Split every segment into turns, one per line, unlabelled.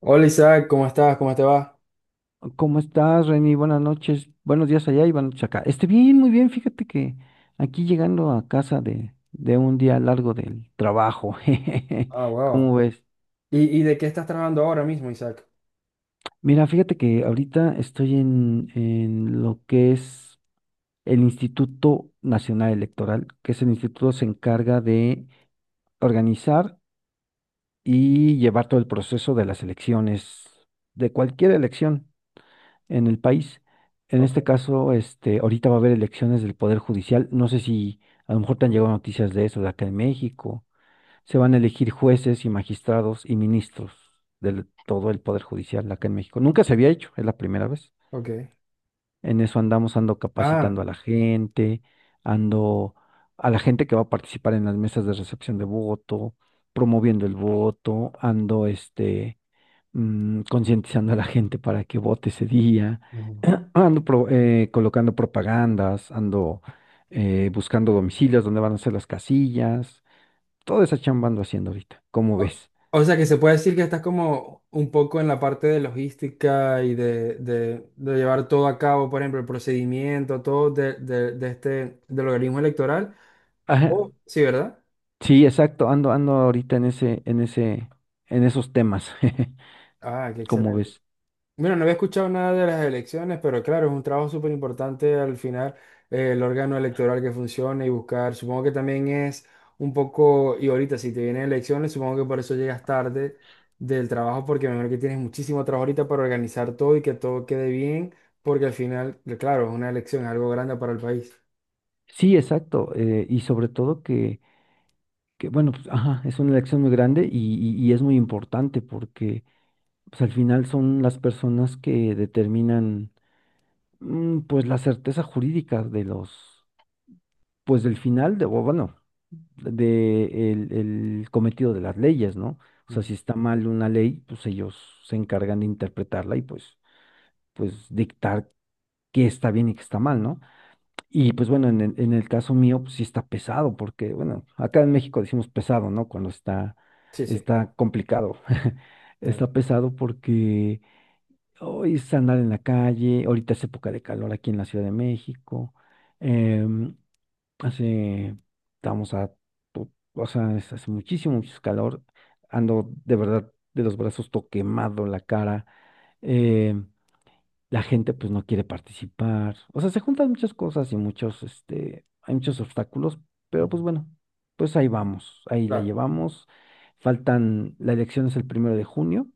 Hola Isaac, ¿cómo estás? ¿Cómo te va?
¿Cómo estás, Reni? Buenas noches, buenos días allá y buenas noches acá. Estoy bien, muy bien. Fíjate que aquí llegando a casa de un día largo del trabajo. Jejeje.
Ah, wow.
¿Cómo ves?
¿Y de qué estás trabajando ahora mismo, Isaac?
Mira, fíjate que ahorita estoy en lo que es el Instituto Nacional Electoral, que es el instituto que se encarga de organizar y llevar todo el proceso de las elecciones, de cualquier elección en el país. En este
Ok.
caso, este, ahorita va a haber elecciones del Poder Judicial. No sé si a lo mejor te han llegado noticias de eso, de acá en México. Se van a elegir jueces y magistrados y ministros de todo el Poder Judicial acá en México. Nunca se había hecho, es la primera vez.
Ok.
En eso andamos, ando
Ah.
capacitando a la gente, ando a la gente que va a participar en las mesas de recepción de voto, promoviendo el voto, ando este concientizando a la gente para que vote ese día.
Ujú.
Ando colocando propagandas, ando buscando domicilios donde van a ser las casillas. Toda esa chamba ando haciendo ahorita, ¿cómo
o,
ves?
o sea que se puede decir que estás como un poco en la parte de logística y de llevar todo a cabo, por ejemplo, el procedimiento, todo del organismo electoral.
Ajá,
Oh. Sí, ¿verdad?
sí, exacto, ando ahorita en esos temas.
Ah, qué
¿Cómo
excelente.
ves?
Bueno, no había escuchado nada de las elecciones, pero claro, es un trabajo súper importante al final el órgano electoral que funcione y buscar. Supongo que también es un poco, y ahorita si te vienen elecciones, supongo que por eso llegas tarde del trabajo, porque me imagino que tienes muchísimo trabajo ahorita para organizar todo y que todo quede bien, porque al final, claro, es una elección, es algo grande para el país.
Sí, exacto, y sobre todo que bueno, pues, ajá, es una elección muy grande y, y es muy importante porque pues, al final son las personas que determinan, pues, la certeza jurídica de los, pues del final, de, o bueno, de el cometido de las leyes, ¿no? O sea,
Ujú.
si está mal una ley, pues ellos se encargan de interpretarla y pues dictar qué está bien y qué está mal, ¿no? Y pues bueno, en el caso mío, pues sí está pesado, porque bueno, acá en México decimos pesado, ¿no? Cuando está,
Sí, sí,
está complicado.
claro.
Está pesado porque hoy es andar en la calle, ahorita es época de calor aquí en la Ciudad de México. Em, hace, estamos a, to- o sea, es- Hace muchísimo, mucho calor. Ando de verdad de los brazos todo quemado, la cara. em, la gente pues no quiere participar. O sea, se juntan muchas cosas y muchos, este, hay muchos obstáculos, pero
Ujú,
pues bueno, pues ahí vamos, ahí la
claro,
llevamos. La elección es el 1 de junio.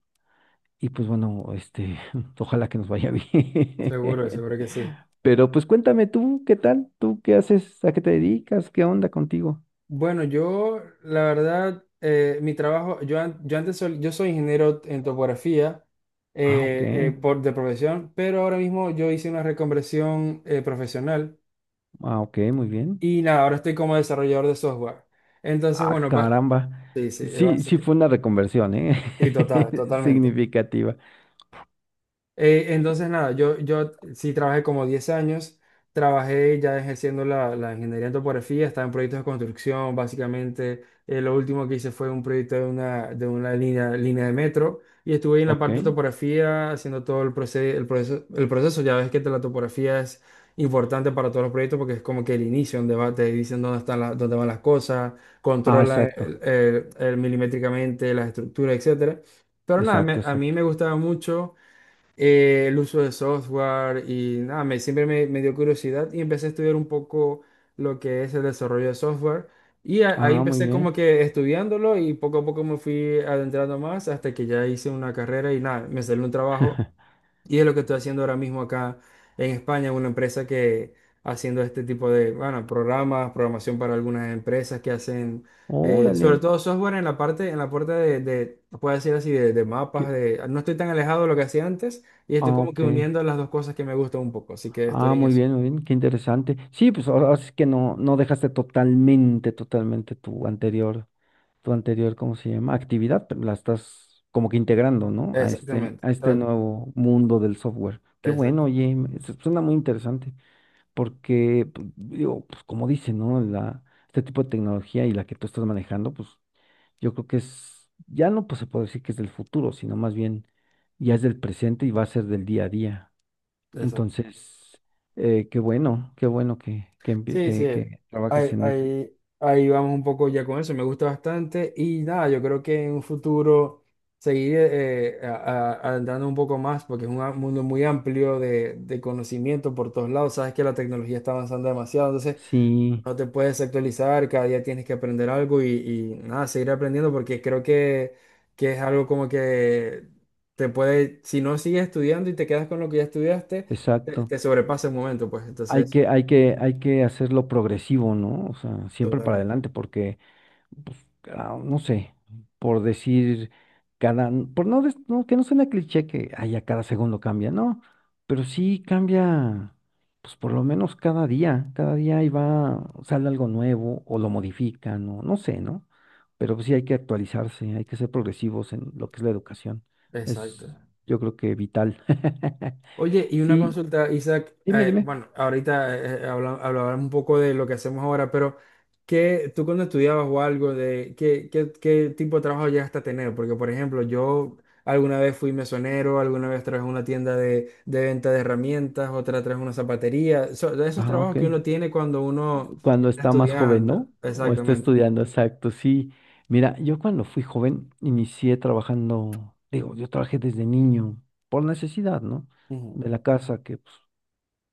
Y pues bueno, este, ojalá que nos vaya
seguro,
bien.
seguro que sí.
Pero pues cuéntame tú, ¿qué tal? ¿Tú qué haces? ¿A qué te dedicas? ¿Qué onda contigo?
Bueno, yo, la verdad, mi trabajo, yo, an- yo antes sol- yo soy ingeniero en topografía
Ah, ok.
de profesión, pero ahora mismo yo hice una reconversión profesional
Ah, ok, muy bien.
y nada, ahora estoy como desarrollador de software. Entonces,
Ah,
bueno,
caramba.
sí, sí, es
Sí, sí
básico.
fue una reconversión, ¿eh?
Sí, total, totalmente.
Significativa.
Entonces, nada, yo sí trabajé como 10 años, trabajé ya ejerciendo la ingeniería en topografía, estaba en proyectos de construcción, básicamente. Lo último que hice fue un proyecto de de una línea de metro y estuve ahí en la
Ok.
parte de topografía haciendo todo el proceso. Ya ves que la topografía es importante para todos los proyectos porque es como que el inicio, donde va, te dicen dónde están dónde van las cosas,
Ah,
controla
exacto.
el milimétricamente las estructuras, etcétera. Pero nada,
Exacto,
a mí
exacto.
me gustaba mucho el uso de software y nada, siempre me dio curiosidad y empecé a estudiar un poco lo que es el desarrollo de software y ahí
Ah, muy
empecé como
bien.
que estudiándolo y poco a poco me fui adentrando más hasta que ya hice una carrera y nada, me salió un trabajo y es lo que estoy haciendo ahora mismo acá en España, una empresa que haciendo este tipo de, bueno, programas, programación para algunas empresas que hacen,
Órale.
sobre todo software en la parte de puedo decir así, de mapas,
que-
de, no estoy tan alejado de lo que hacía antes y estoy
Ah,
como que
ok.
uniendo las dos cosas que me gustan un poco, así que estoy
Ah,
en eso.
muy bien, qué interesante. Sí, pues ahora sí que no dejaste totalmente, tu anterior, ¿cómo se llama? Actividad, pero la estás como que integrando, ¿no? A este,
Exactamente,
a este nuevo mundo del software. Qué
exact-
bueno, oye, suena muy interesante, porque, pues, digo, pues como dice, ¿no? Este tipo de tecnología y la que tú estás manejando, pues yo creo que es, ya no pues se puede decir que es del futuro, sino más bien ya es del presente y va a ser del día a día.
exacto.
Entonces, qué bueno que, que, empie-
Sí, sí,
que- que trabajes en eso.
ahí vamos un poco ya con eso, me gusta bastante y nada, yo creo que en un futuro seguir adentrando un poco más porque es mundo muy amplio de conocimiento por todos lados, sabes que la tecnología está avanzando demasiado, entonces
Sí,
no te puedes actualizar, cada día tienes que aprender algo y nada, seguir aprendiendo porque creo que es algo como que te puede, si no sigues estudiando y te quedas con lo que ya estudiaste,
exacto.
te sobrepasa el momento, pues
Hay
entonces
que,
eso,
hay que, hay que hacerlo progresivo, ¿no? O sea, siempre para
totalmente.
adelante, porque pues, no sé, por decir cada, por no, des- no, que no suena cliché que ay, a cada segundo cambia, no, pero sí cambia, pues por lo menos cada día ahí va, sale algo nuevo o lo modifican o no sé, ¿no? Pero pues, sí hay que actualizarse, hay que ser progresivos en lo que es la educación. Es,
Exacto.
yo creo que vital.
Oye, y una
Sí,
consulta, Isaac,
dime, dime.
bueno, ahorita hablaban un poco de lo que hacemos ahora, pero ¿qué, tú cuando estudiabas o algo, qué tipo de trabajo llegaste a tener? Porque, por ejemplo, yo alguna vez fui mesonero, alguna vez trabajé en una tienda de venta de herramientas, otra trabajé en una zapatería, de esos
Ah,
trabajos
ok.
que uno tiene cuando uno
Cuando
está
está más joven,
estudiando.
¿no? O está
Exactamente.
estudiando, exacto, sí. Mira, yo cuando fui joven inicié trabajando, digo, yo trabajé desde niño por necesidad, ¿no?
Ujú.
De la casa, que pues,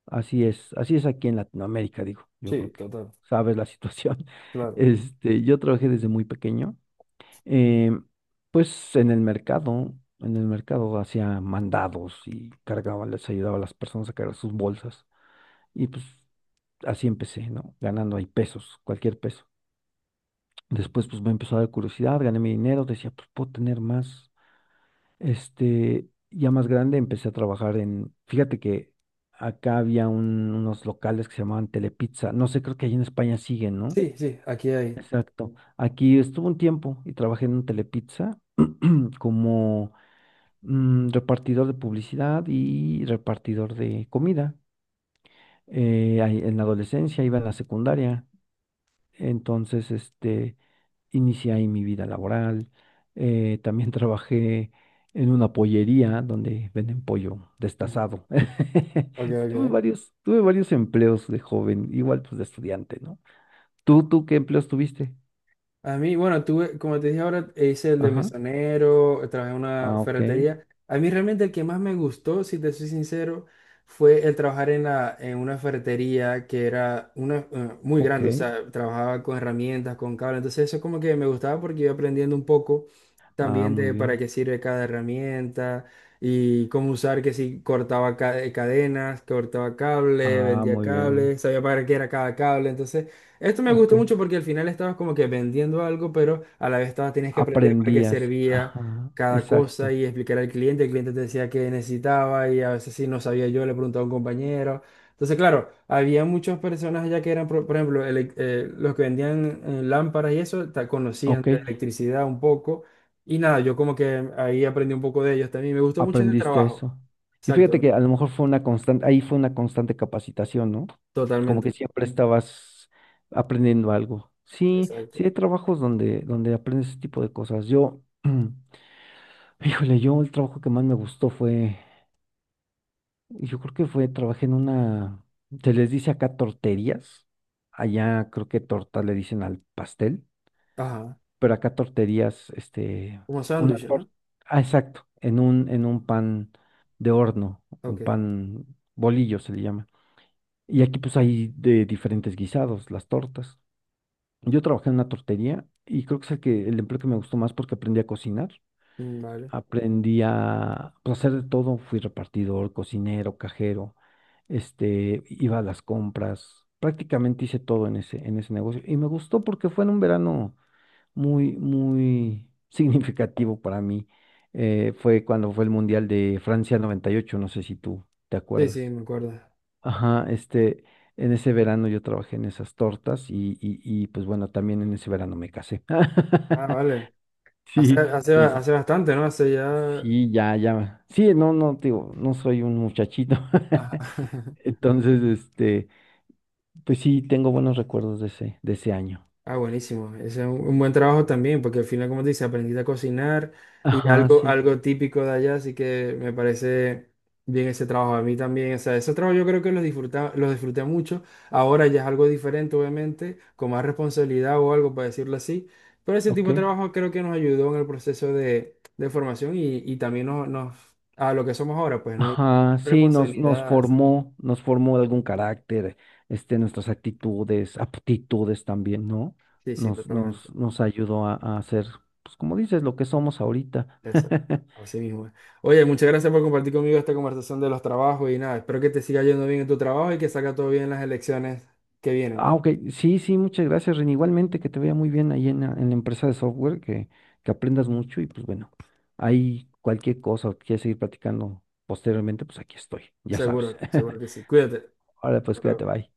así es aquí en Latinoamérica, digo, yo
Sí,
creo que
total,
sabes la situación.
claro.
Este, yo trabajé desde muy pequeño, eh, pues en el mercado hacía mandados y cargaba, les ayudaba a las personas a cargar sus bolsas y pues así empecé, ¿no? Ganando ahí pesos, cualquier peso. Después, pues me empezó a dar curiosidad, gané mi dinero, decía, pues puedo tener más. Este, ya más grande, empecé a trabajar en, fíjate que acá había unos locales que se llamaban Telepizza. No sé, creo que allí en España siguen, ¿no?
Sí, sí, aquí hay.
Exacto. Aquí estuve un tiempo y trabajé en un Telepizza como repartidor de publicidad y repartidor de comida. Ahí en la adolescencia, iba en la secundaria. Entonces, este, inicié ahí mi vida laboral. También trabajé en una pollería donde venden pollo
Ujú.
destazado.
Ok,
Tuve
ok.
varios, tuve varios empleos de joven, igual pues de estudiante, ¿no? ¿Tú ¿qué empleos tuviste?
A mí, bueno, tuve, como te dije ahora, hice el de
Ajá.
mesonero, trabajé en una
Ah, ok,
ferretería. A mí realmente el que más me gustó, si te soy sincero, fue el trabajar en en una ferretería que era una, muy
ok.
grande, o sea, trabajaba con herramientas, con cables. Entonces eso como que me gustaba porque iba aprendiendo un poco
Ah,
también
muy
de para
bien.
qué sirve cada herramienta y cómo usar, que si cortaba cadenas, cortaba cable,
Ah,
vendía
muy bien, muy bien.
cables, sabía para qué era cada cable. Entonces... Esto me
Ok.
gustó mucho porque al final estabas como que vendiendo algo, pero a la vez estabas, tenías que aprender para qué
Aprendías.
servía
Ajá,
cada cosa
exacto.
y explicar al cliente. El cliente te decía qué necesitaba y a veces si no sabía yo, le preguntaba a un compañero. Entonces, claro, había muchas personas allá que eran, por ejemplo, los que vendían lámparas y eso, conocían
Ok.
de electricidad un poco. Y nada, yo como que ahí aprendí un poco de ellos también. Me gustó mucho ese
Aprendiste
trabajo.
eso. Y fíjate
Exacto,
que a lo mejor fue una constante, ahí fue una constante capacitación, ¿no? Como que
totalmente.
siempre estabas aprendiendo algo. Sí,
Exacto.
sí hay trabajos donde, donde aprendes ese tipo de cosas. Yo, híjole, yo el trabajo que más me gustó fue, yo creo que fue, trabajé en una, se les dice acá torterías, allá creo que torta le dicen al pastel,
Ajá,
pero acá torterías, este,
como
una
sándwich,
torta,
¿no?
ah, exacto, en un pan de horno,
Ok,
un pan bolillo se le llama. Y aquí pues hay de diferentes guisados, las tortas. Yo trabajé en una tortería y creo que es el que, el empleo que me gustó más porque aprendí a cocinar,
mm, vale.
aprendí a, pues, hacer de todo, fui repartidor, cocinero, cajero, este, iba a las compras, prácticamente hice todo en ese negocio, y me gustó porque fue en un verano muy, muy significativo para mí. Fue cuando fue el Mundial de Francia 98, no sé si tú te
Sí, sí,
acuerdas.
me acuerdo.
Ajá, este, en ese verano yo trabajé en esas tortas, y pues bueno, también en ese verano me casé.
Ah, vale.
Sí,
Hace
entonces,
bastante, ¿no? Hace ya...
sí, ya, ya. Sí, no, no, te digo, no soy un muchachito.
Ajá.
Entonces, este, pues sí, tengo buenos recuerdos de ese, año.
Ah, buenísimo. Ese es un buen trabajo también, porque al final, como te dice, aprendiste a cocinar y
Ajá,
algo,
sí,
algo típico de allá, así que me parece bien ese trabajo. A mí también, o sea, ese trabajo yo creo que lo disfruté mucho. Ahora ya es algo diferente, obviamente, con más responsabilidad o algo, para decirlo así. Pero ese tipo
ok.
de trabajo creo que nos ayudó en el proceso de formación y también a lo que somos ahora, pues, ¿no? Y
Ajá, sí,
responsabilidad.
nos formó algún carácter, este, nuestras actitudes, aptitudes también, ¿no?
Sí, sí,
Nos,
totalmente.
nos, nos ayudó a ser, pues como dices, lo que somos ahorita.
Esa- Así mismo es. Oye, muchas gracias por compartir conmigo esta conversación de los trabajos y nada, espero que te siga yendo bien en tu trabajo y que salga todo bien en las elecciones que vienen.
Ah, ok, sí, sí, muchas gracias, Ren. Igualmente, que te vaya muy bien ahí en la, empresa de software, que aprendas mucho, y pues bueno, ahí cualquier cosa o quieres seguir platicando posteriormente, pues aquí estoy, ya sabes.
Seguro, seguro que sí. Cuídate.
Ahora
Hasta
pues cuídate,
luego.
bye.